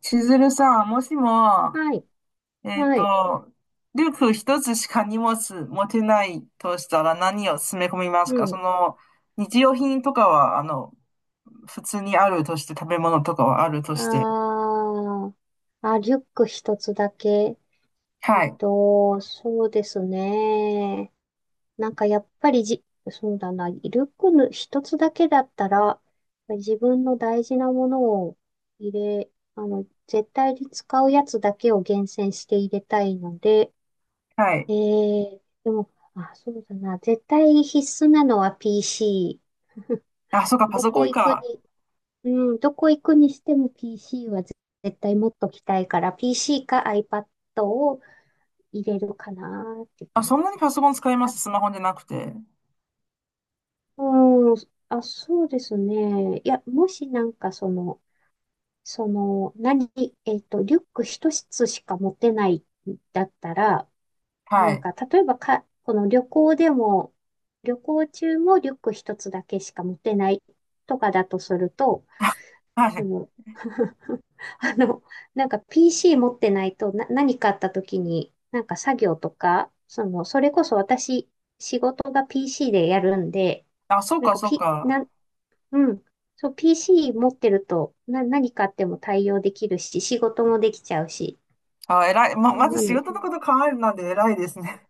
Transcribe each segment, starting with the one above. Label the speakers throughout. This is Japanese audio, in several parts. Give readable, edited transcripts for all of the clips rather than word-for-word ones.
Speaker 1: 千鶴さん、もしも、
Speaker 2: はい。
Speaker 1: えっ
Speaker 2: はい。
Speaker 1: と、リュック一つしか荷物持てないとしたら何を詰め込みます
Speaker 2: う
Speaker 1: か？
Speaker 2: ん。
Speaker 1: 日用品とかは、普通にあるとして、食べ物とかはあると
Speaker 2: あ
Speaker 1: して。
Speaker 2: ー、あ、リュック一つだけ。
Speaker 1: はい、
Speaker 2: そうですね。なんかやっぱりじ、そうだな。リュックの一つだけだったら、自分の大事なものを入れ、あの、絶対に使うやつだけを厳選して入れたいので、
Speaker 1: はい。
Speaker 2: でも、あ、そうだな。絶対必須なのは PC。
Speaker 1: あ、そうか、パ
Speaker 2: ど
Speaker 1: ソコ
Speaker 2: こ
Speaker 1: ン
Speaker 2: 行く
Speaker 1: か。
Speaker 2: にうどこ行くにしても PC は絶対持っときたいから、PC か iPad を入れるかなーって
Speaker 1: あ、
Speaker 2: 感
Speaker 1: そんなに
Speaker 2: じ。
Speaker 1: パソコン使いま
Speaker 2: あ、
Speaker 1: す？スマホじゃなくて。
Speaker 2: うん、あ、そうですね。いや、もしなんかその、その、何、リュック一つしか持てないんだったら、
Speaker 1: は
Speaker 2: なん
Speaker 1: い、
Speaker 2: か、例えばか、この旅行でも、旅行中もリュック一つだけしか持てないとかだとすると、
Speaker 1: は
Speaker 2: そ
Speaker 1: い。
Speaker 2: の、あの、なんか PC 持ってないとな、何かあった時に、なんか作業とか、その、それこそ私、仕事が PC でやるんで、
Speaker 1: あ、そう
Speaker 2: なん
Speaker 1: か、
Speaker 2: か
Speaker 1: そう
Speaker 2: P、な
Speaker 1: か。
Speaker 2: ん、うん、そう、PC 持ってると、何かあっても対応できるし、仕事もできちゃうし、
Speaker 1: あ、偉い。まず
Speaker 2: な
Speaker 1: 仕
Speaker 2: ので、
Speaker 1: 事のこと考えるなんで偉いですね。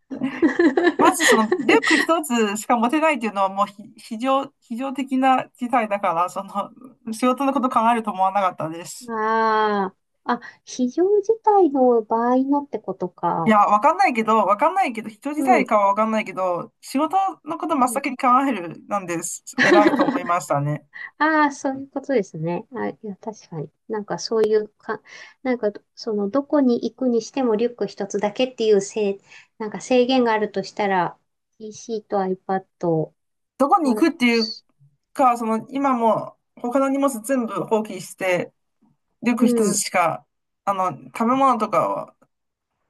Speaker 1: まずそ のリュック一つしか持てないっていうのはもうひ非常、非常的な事態だから、その仕事のこと考えると思わなかったです。
Speaker 2: ああ、あ、非常事態の場合のってこと
Speaker 1: いや、
Speaker 2: か。
Speaker 1: わかんないけど、人
Speaker 2: う
Speaker 1: 自体
Speaker 2: ん。
Speaker 1: かはわかんないけど、仕事のこと
Speaker 2: う
Speaker 1: 真っ
Speaker 2: ん
Speaker 1: 先に考えるなんです。偉いと思い ましたね。
Speaker 2: ああ、そういうことですね。あ、いや、確かに。なんかそういうか、なんか、その、どこに行くにしてもリュック一つだけっていうなんか制限があるとしたら、PC と iPad、
Speaker 1: どこに行
Speaker 2: まあ、
Speaker 1: くっていう
Speaker 2: す
Speaker 1: か、今もう他の荷物全部放棄して、リュッ
Speaker 2: う
Speaker 1: ク一つ
Speaker 2: ん、
Speaker 1: しか、食べ物とかは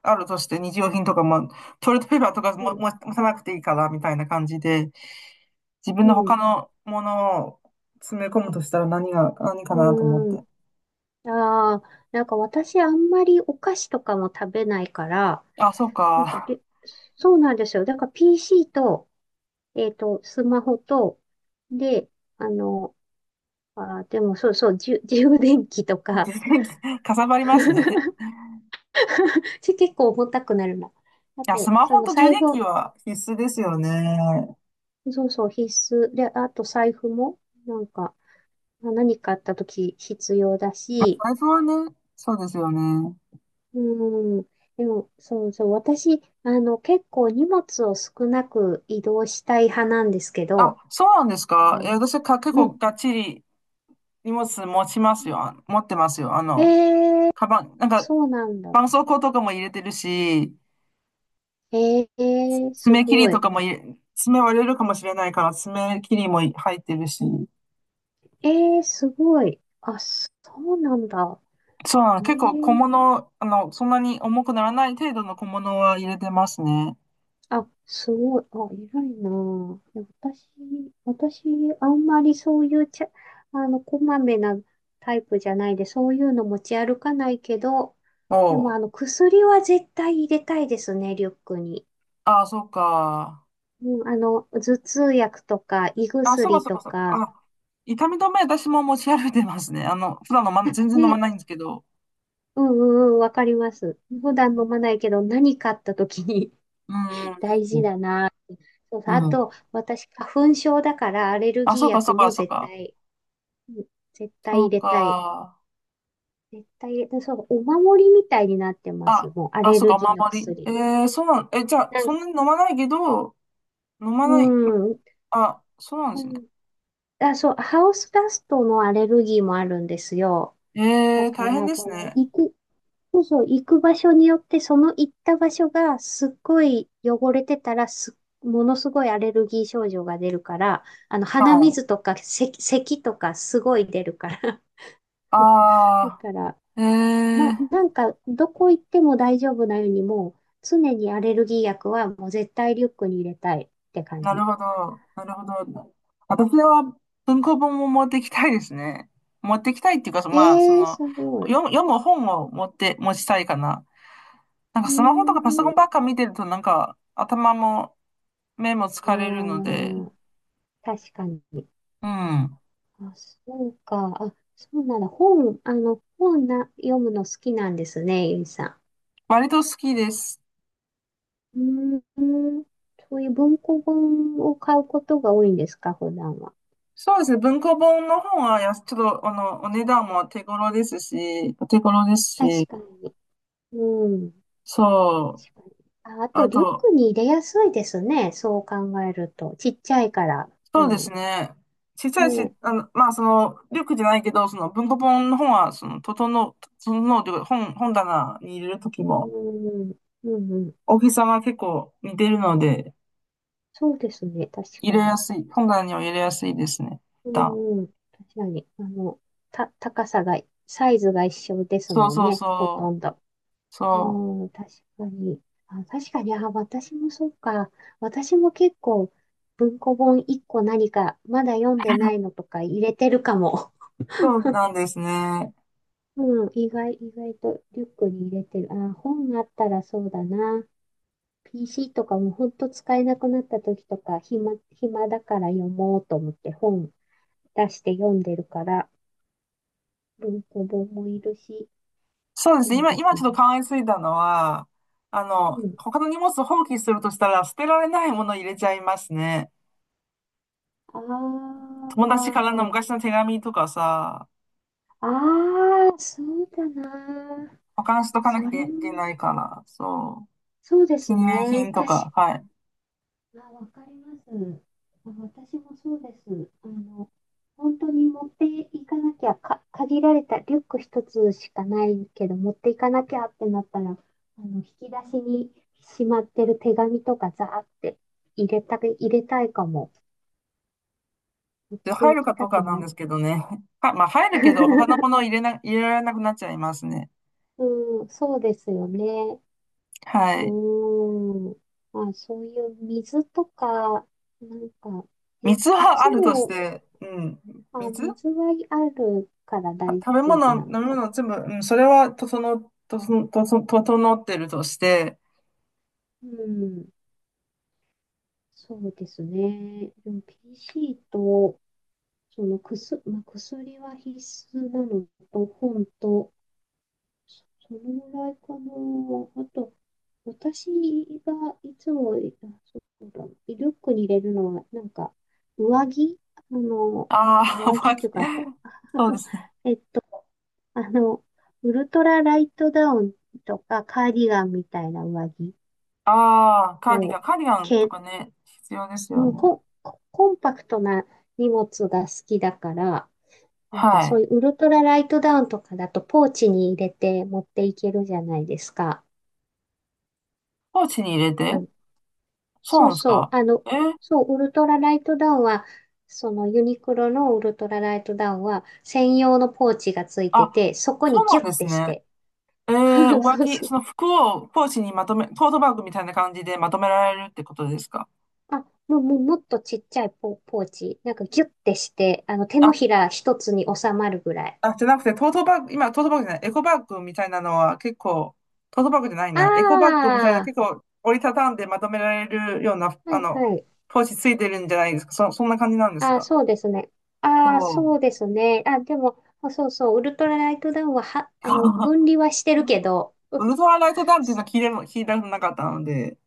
Speaker 1: あるとして、日用品とかも、トイレットペーパーとか
Speaker 2: う
Speaker 1: も
Speaker 2: ん、
Speaker 1: も持たなくていいから、みたいな感じで、自分の他
Speaker 2: う
Speaker 1: のものを詰め込むとしたら何かなと思っ
Speaker 2: ん、うん。
Speaker 1: て。
Speaker 2: ああ、なんか私あんまりお菓子とかも食べないから、
Speaker 1: あ、そう
Speaker 2: なんか
Speaker 1: か。
Speaker 2: で、そうなんですよ。だから PC と、スマホと、で、あの、でもそうそう、充電器と か、
Speaker 1: 充電器、かさばりますね。
Speaker 2: 結構重たくなるな。あ
Speaker 1: いや、ス
Speaker 2: と、
Speaker 1: マ
Speaker 2: そ
Speaker 1: ホ
Speaker 2: の
Speaker 1: と充
Speaker 2: 財
Speaker 1: 電器
Speaker 2: 布、
Speaker 1: は必須ですよね。
Speaker 2: そうそう、必須。で、あと財布も、なんか、まあ何かあった時必要だし、
Speaker 1: 財布はね、そうですよね。
Speaker 2: うん。でも、そうそう、私、あの、結構荷物を少なく移動したい派なんですけ
Speaker 1: あ、
Speaker 2: ど、
Speaker 1: そうなんですか。いや、私は結
Speaker 2: う
Speaker 1: 構
Speaker 2: ん。
Speaker 1: がっちり荷物持ちますよ。あ、持ってますよ。
Speaker 2: えー、
Speaker 1: カバン、なんか、
Speaker 2: そうなんだ。
Speaker 1: 絆創膏とかも入れてるし、
Speaker 2: す
Speaker 1: 爪切り
Speaker 2: ご
Speaker 1: と
Speaker 2: い。
Speaker 1: かも入れ、爪割れるかもしれないから、爪切りも入ってるし。
Speaker 2: えすごい。あ、そうなんだ。
Speaker 1: そうなの、
Speaker 2: え
Speaker 1: 結構小
Speaker 2: ー
Speaker 1: 物、そんなに重くならない程度の小物は入れてますね。
Speaker 2: あ、すごい。あ、偉いなぁ。いや私、私、あんまりそういうちゃ、あの、こまめなタイプじゃないで、そういうの持ち歩かないけど、で
Speaker 1: お
Speaker 2: も、
Speaker 1: う。
Speaker 2: あの、薬は絶対入れたいですね、リュックに。
Speaker 1: ああ、そうか。
Speaker 2: うん、あの、頭痛薬とか、胃
Speaker 1: あ、そうか
Speaker 2: 薬
Speaker 1: そう
Speaker 2: と
Speaker 1: かそうか。
Speaker 2: か、
Speaker 1: あ、痛み止め私も持ち歩いてますね。普段全然飲ま
Speaker 2: ね、
Speaker 1: ないんですけど。
Speaker 2: うんうんうん、わかります。普段飲まないけど、何かあった時に
Speaker 1: う ん。
Speaker 2: 大事だなぁ。そう
Speaker 1: う
Speaker 2: そうあ
Speaker 1: ん。
Speaker 2: と、私、花粉症だから、アレル
Speaker 1: あ、
Speaker 2: ギ
Speaker 1: そ
Speaker 2: ー
Speaker 1: うかそ
Speaker 2: 薬
Speaker 1: うか
Speaker 2: も
Speaker 1: そう
Speaker 2: 絶
Speaker 1: か。
Speaker 2: 対うん絶対
Speaker 1: そ
Speaker 2: 入
Speaker 1: う
Speaker 2: れたい。
Speaker 1: か。
Speaker 2: 絶対入れたい。そう、お守りみたいになってます。
Speaker 1: あ、
Speaker 2: もう、ア
Speaker 1: あ、
Speaker 2: レ
Speaker 1: そう
Speaker 2: ル
Speaker 1: か、お
Speaker 2: ギーの
Speaker 1: 守り。
Speaker 2: 薬。
Speaker 1: そうなん、え、じゃあ、
Speaker 2: なん
Speaker 1: そんなに飲まないけど、飲ま
Speaker 2: う
Speaker 1: ない、
Speaker 2: ん。う
Speaker 1: あ、そうなんですね。
Speaker 2: んあ、そう、ハウスダストのアレルギーもあるんですよ。だか
Speaker 1: 大変
Speaker 2: ら、
Speaker 1: です
Speaker 2: この、
Speaker 1: ね。
Speaker 2: 行く、そうそう、行く場所によって、その行った場所がすっごい汚れてたら、ものすごいアレルギー症状が出るから、あの、
Speaker 1: は
Speaker 2: 鼻
Speaker 1: い。
Speaker 2: 水とか、咳とかすごい出るから。だ
Speaker 1: あ
Speaker 2: から、
Speaker 1: ー、えー。
Speaker 2: なんか、どこ行っても大丈夫なように、もう、常にアレルギー薬はもう絶対リュックに入れたいって感
Speaker 1: なる
Speaker 2: じ。
Speaker 1: ほど。なるほど。私は文庫本も持ってきたいですね。持ってきたいっていうか、そ
Speaker 2: え
Speaker 1: まあ、そ
Speaker 2: えー
Speaker 1: の、
Speaker 2: すごい。う
Speaker 1: 読む本を持って、持ちたいかな。なんか
Speaker 2: ー
Speaker 1: スマホとかパソコ
Speaker 2: ん。
Speaker 1: ンばっか見てると、なんか頭も目も
Speaker 2: あ
Speaker 1: 疲れるので、
Speaker 2: あ、確かに。
Speaker 1: うん。
Speaker 2: あ、そうか。あ、そうなんだ。本、あの、本な、読むの好きなんですね、ゆいさ
Speaker 1: 割と好きです。
Speaker 2: ん。うーん。そういう文庫本を買うことが多いんですか、普段は。
Speaker 1: そうですね。文庫本の本はちょっと、お値段も手頃ですし、
Speaker 2: 確かに。うん。
Speaker 1: そう。
Speaker 2: 確かに。あ、あと、
Speaker 1: あ
Speaker 2: リュック
Speaker 1: と、
Speaker 2: に入れやすいですね。そう考えると。ちっちゃいから。あ
Speaker 1: そうです
Speaker 2: の、
Speaker 1: ね。小さいし、
Speaker 2: ね。
Speaker 1: まあ、リュックじゃないけど、その文庫本の本は、整うというか、本棚に入れるとき
Speaker 2: う
Speaker 1: も、
Speaker 2: ん。うんうん。
Speaker 1: 大きさが結構似てるので、
Speaker 2: そうですね。確
Speaker 1: 入
Speaker 2: か
Speaker 1: れや
Speaker 2: に。
Speaker 1: すい、本棚には入れやすいですね。
Speaker 2: う
Speaker 1: 一旦
Speaker 2: んうん。確かに。あの、た、高さが、サイズが一緒です
Speaker 1: そう
Speaker 2: もん
Speaker 1: そう
Speaker 2: ね。ほと
Speaker 1: そ
Speaker 2: んど。
Speaker 1: う、そう、
Speaker 2: うん。確かに。あ、確かに。あ、私もそうか。私も結構、文庫本1個何か、まだ読んでないのとか入れてるかも。
Speaker 1: そう なんですね。
Speaker 2: うん、意外とリュックに入れてる。本あったらそうだな。PC とかもほんと使えなくなった時とか、暇だから読もうと思って本出して読んでるから、文庫本もいるし、
Speaker 1: そうです
Speaker 2: そ
Speaker 1: ね。
Speaker 2: う
Speaker 1: 今、
Speaker 2: です
Speaker 1: ちょっと
Speaker 2: ね。
Speaker 1: 考えついたのは、
Speaker 2: うん。
Speaker 1: 他の荷物を放棄するとしたら、捨てられないものを入れちゃいますね。
Speaker 2: あ
Speaker 1: 友達からの
Speaker 2: あ、
Speaker 1: 昔の手紙とかさ、
Speaker 2: ああ、そうだな。
Speaker 1: 保管しとか
Speaker 2: そ
Speaker 1: なき
Speaker 2: れ
Speaker 1: ゃ
Speaker 2: も、
Speaker 1: いけないから、そう。
Speaker 2: そうで
Speaker 1: 記
Speaker 2: す
Speaker 1: 念品
Speaker 2: ね。
Speaker 1: とか、はい。
Speaker 2: わかります。あ私もそうです。あの、本当に持っていかなきゃ、限られたリュック一つしかないけど、持っていかなきゃってなったら、あの、引き出しにしまってる手紙とかザーって入れたいかも。持っ
Speaker 1: で、
Speaker 2: て
Speaker 1: 入
Speaker 2: い
Speaker 1: る
Speaker 2: き
Speaker 1: か
Speaker 2: た
Speaker 1: と
Speaker 2: く
Speaker 1: かな
Speaker 2: な
Speaker 1: んで
Speaker 2: い。
Speaker 1: すけどね。は、まあ、入るけど、他のものを 入れられなくなっちゃいますね。
Speaker 2: うん、そうですよね。う
Speaker 1: はい。
Speaker 2: ーん。まあ、そういう水とか、なんか、え、
Speaker 1: 水
Speaker 2: い
Speaker 1: はあ
Speaker 2: つ
Speaker 1: るとし
Speaker 2: も
Speaker 1: て、うん。
Speaker 2: あ、
Speaker 1: 水は
Speaker 2: 水はあるから大
Speaker 1: 食べ
Speaker 2: 丈夫
Speaker 1: 物、飲
Speaker 2: な
Speaker 1: み
Speaker 2: のか。
Speaker 1: 物、全部、うん、それは、とその、とその、とその、整ってるとして、
Speaker 2: うん、そうですね。でも PC と、その薬、まあ、薬は必須なのと、本と、そのぐらいかな。あと、私がいつも、あ、そうだ、リュックに入れるのは、なんか、上着あの、
Speaker 1: ああ、お
Speaker 2: 上
Speaker 1: 化
Speaker 2: 着
Speaker 1: け、
Speaker 2: というか、
Speaker 1: そうですね。
Speaker 2: えっと、あの、ウルトラライトダウンとか、カーディガンみたいな上着
Speaker 1: ああ、カーディガ
Speaker 2: を、
Speaker 1: ン、カーディガンと
Speaker 2: け、
Speaker 1: かね、必要です
Speaker 2: う
Speaker 1: よ
Speaker 2: ん、
Speaker 1: ね。
Speaker 2: ココンパクトな荷物が好きだから、なんか
Speaker 1: は
Speaker 2: そ
Speaker 1: い。
Speaker 2: ういうウルトラライトダウンとかだとポーチに入れて持っていけるじゃないですか。
Speaker 1: ポーチに入れて？そう
Speaker 2: そ
Speaker 1: な
Speaker 2: う
Speaker 1: んです
Speaker 2: そう。
Speaker 1: か？
Speaker 2: あの、
Speaker 1: えー
Speaker 2: そう、ウルトラライトダウンは、そのユニクロのウルトラライトダウンは専用のポーチがついて
Speaker 1: あ、
Speaker 2: て、そこ
Speaker 1: そう
Speaker 2: に
Speaker 1: な
Speaker 2: ギュ
Speaker 1: ん
Speaker 2: ッ
Speaker 1: です
Speaker 2: てし
Speaker 1: ね。
Speaker 2: て。
Speaker 1: 上
Speaker 2: そう
Speaker 1: 着、
Speaker 2: そう。
Speaker 1: その服をポーチにまとめ、トートバッグみたいな感じでまとめられるってことですか？
Speaker 2: あ、もう、もっとちっちゃいポーチ。なんかギュッてして、あの、手の
Speaker 1: あ、
Speaker 2: ひら一つに収まるぐらい。
Speaker 1: あ、じゃなくて、トートバッグ、今、トートバッグじゃない、エコバッグみたいなのは結構、トートバッグじゃない
Speaker 2: あ
Speaker 1: な、エコバッグみたいな
Speaker 2: あ、
Speaker 1: 結構折りたたんでまとめられるような、
Speaker 2: はいはい。
Speaker 1: ポーチついてるんじゃないですか。そんな感じなんです
Speaker 2: ああ、
Speaker 1: か？
Speaker 2: そうですね。
Speaker 1: お
Speaker 2: ああ、
Speaker 1: う。
Speaker 2: そうですね。あ、でも、あそうそう、ウルトラライトダウンは、あの、分 離はしてるけど、
Speaker 1: ウルトラライトダウンっていうのは聞いたことなかったので、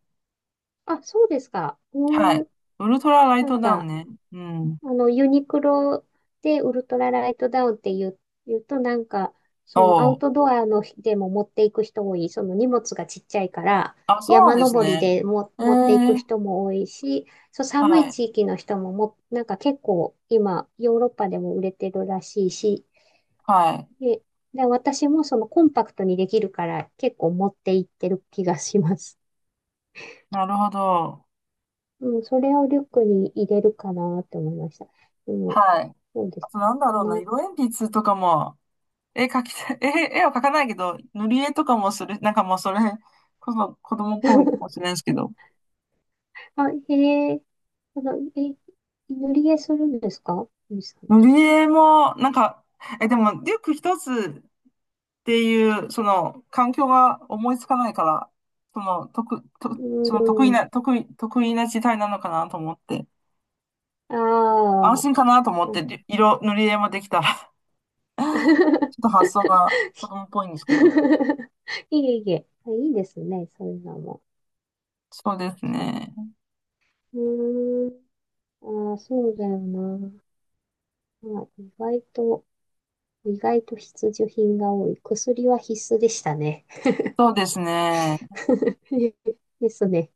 Speaker 2: あ、そうですか。
Speaker 1: はい。
Speaker 2: うーん、
Speaker 1: ウルトラライ
Speaker 2: なん
Speaker 1: トダウン
Speaker 2: か、
Speaker 1: ね。うん。
Speaker 2: あの、ユニクロでウルトラライトダウンって言うとなんか、そのア
Speaker 1: お
Speaker 2: ウト
Speaker 1: う。
Speaker 2: ドアのでも持っていく人多い、その荷物がちっちゃいから、
Speaker 1: あ、そうなん
Speaker 2: 山
Speaker 1: です
Speaker 2: 登り
Speaker 1: ね。
Speaker 2: でも
Speaker 1: ええ、
Speaker 2: 持っていく人も多いし、そう寒
Speaker 1: は
Speaker 2: い
Speaker 1: い、
Speaker 2: 地域の人も、なんか結構今、ヨーロッパでも売れてるらしいし、
Speaker 1: はい。
Speaker 2: で、で、私もそのコンパクトにできるから結構持っていってる気がします。
Speaker 1: なるほど。
Speaker 2: うん、それをリュックに入れるかなって思いました。でも、
Speaker 1: はい。
Speaker 2: そうで
Speaker 1: あ
Speaker 2: す
Speaker 1: と、
Speaker 2: ね。
Speaker 1: なんだ
Speaker 2: そ
Speaker 1: ろ
Speaker 2: ん
Speaker 1: うな、
Speaker 2: な
Speaker 1: 色鉛筆とかも、絵描きたい、絵は描かないけど、塗り絵とかもする、なんかもうそれこそ子供っぽいかも しれないですけど、
Speaker 2: あ、へえ。あの、え、塗り絵するんですかゆいさんっ
Speaker 1: 塗
Speaker 2: て。
Speaker 1: り絵も、なんか、え、でも、リュック一つっていう、その、環境が思いつかないから、その、得、と、
Speaker 2: う
Speaker 1: その得
Speaker 2: ー
Speaker 1: 意
Speaker 2: ん。
Speaker 1: な、得意、得意な事態なのかなと思って、
Speaker 2: あ
Speaker 1: 安
Speaker 2: あ。
Speaker 1: 心かなと思っ
Speaker 2: うん
Speaker 1: て、塗り絵もできた。ちょっと発想が 子供っぽいんですけど。
Speaker 2: いえいえ。あ、いいですね。そういうのも。
Speaker 1: そうです
Speaker 2: 確かに。
Speaker 1: ね。
Speaker 2: うーん。ああ、そうだよな。まあ、意外と必需品が多い。薬は必須でしたね。
Speaker 1: そうですね。
Speaker 2: ですね。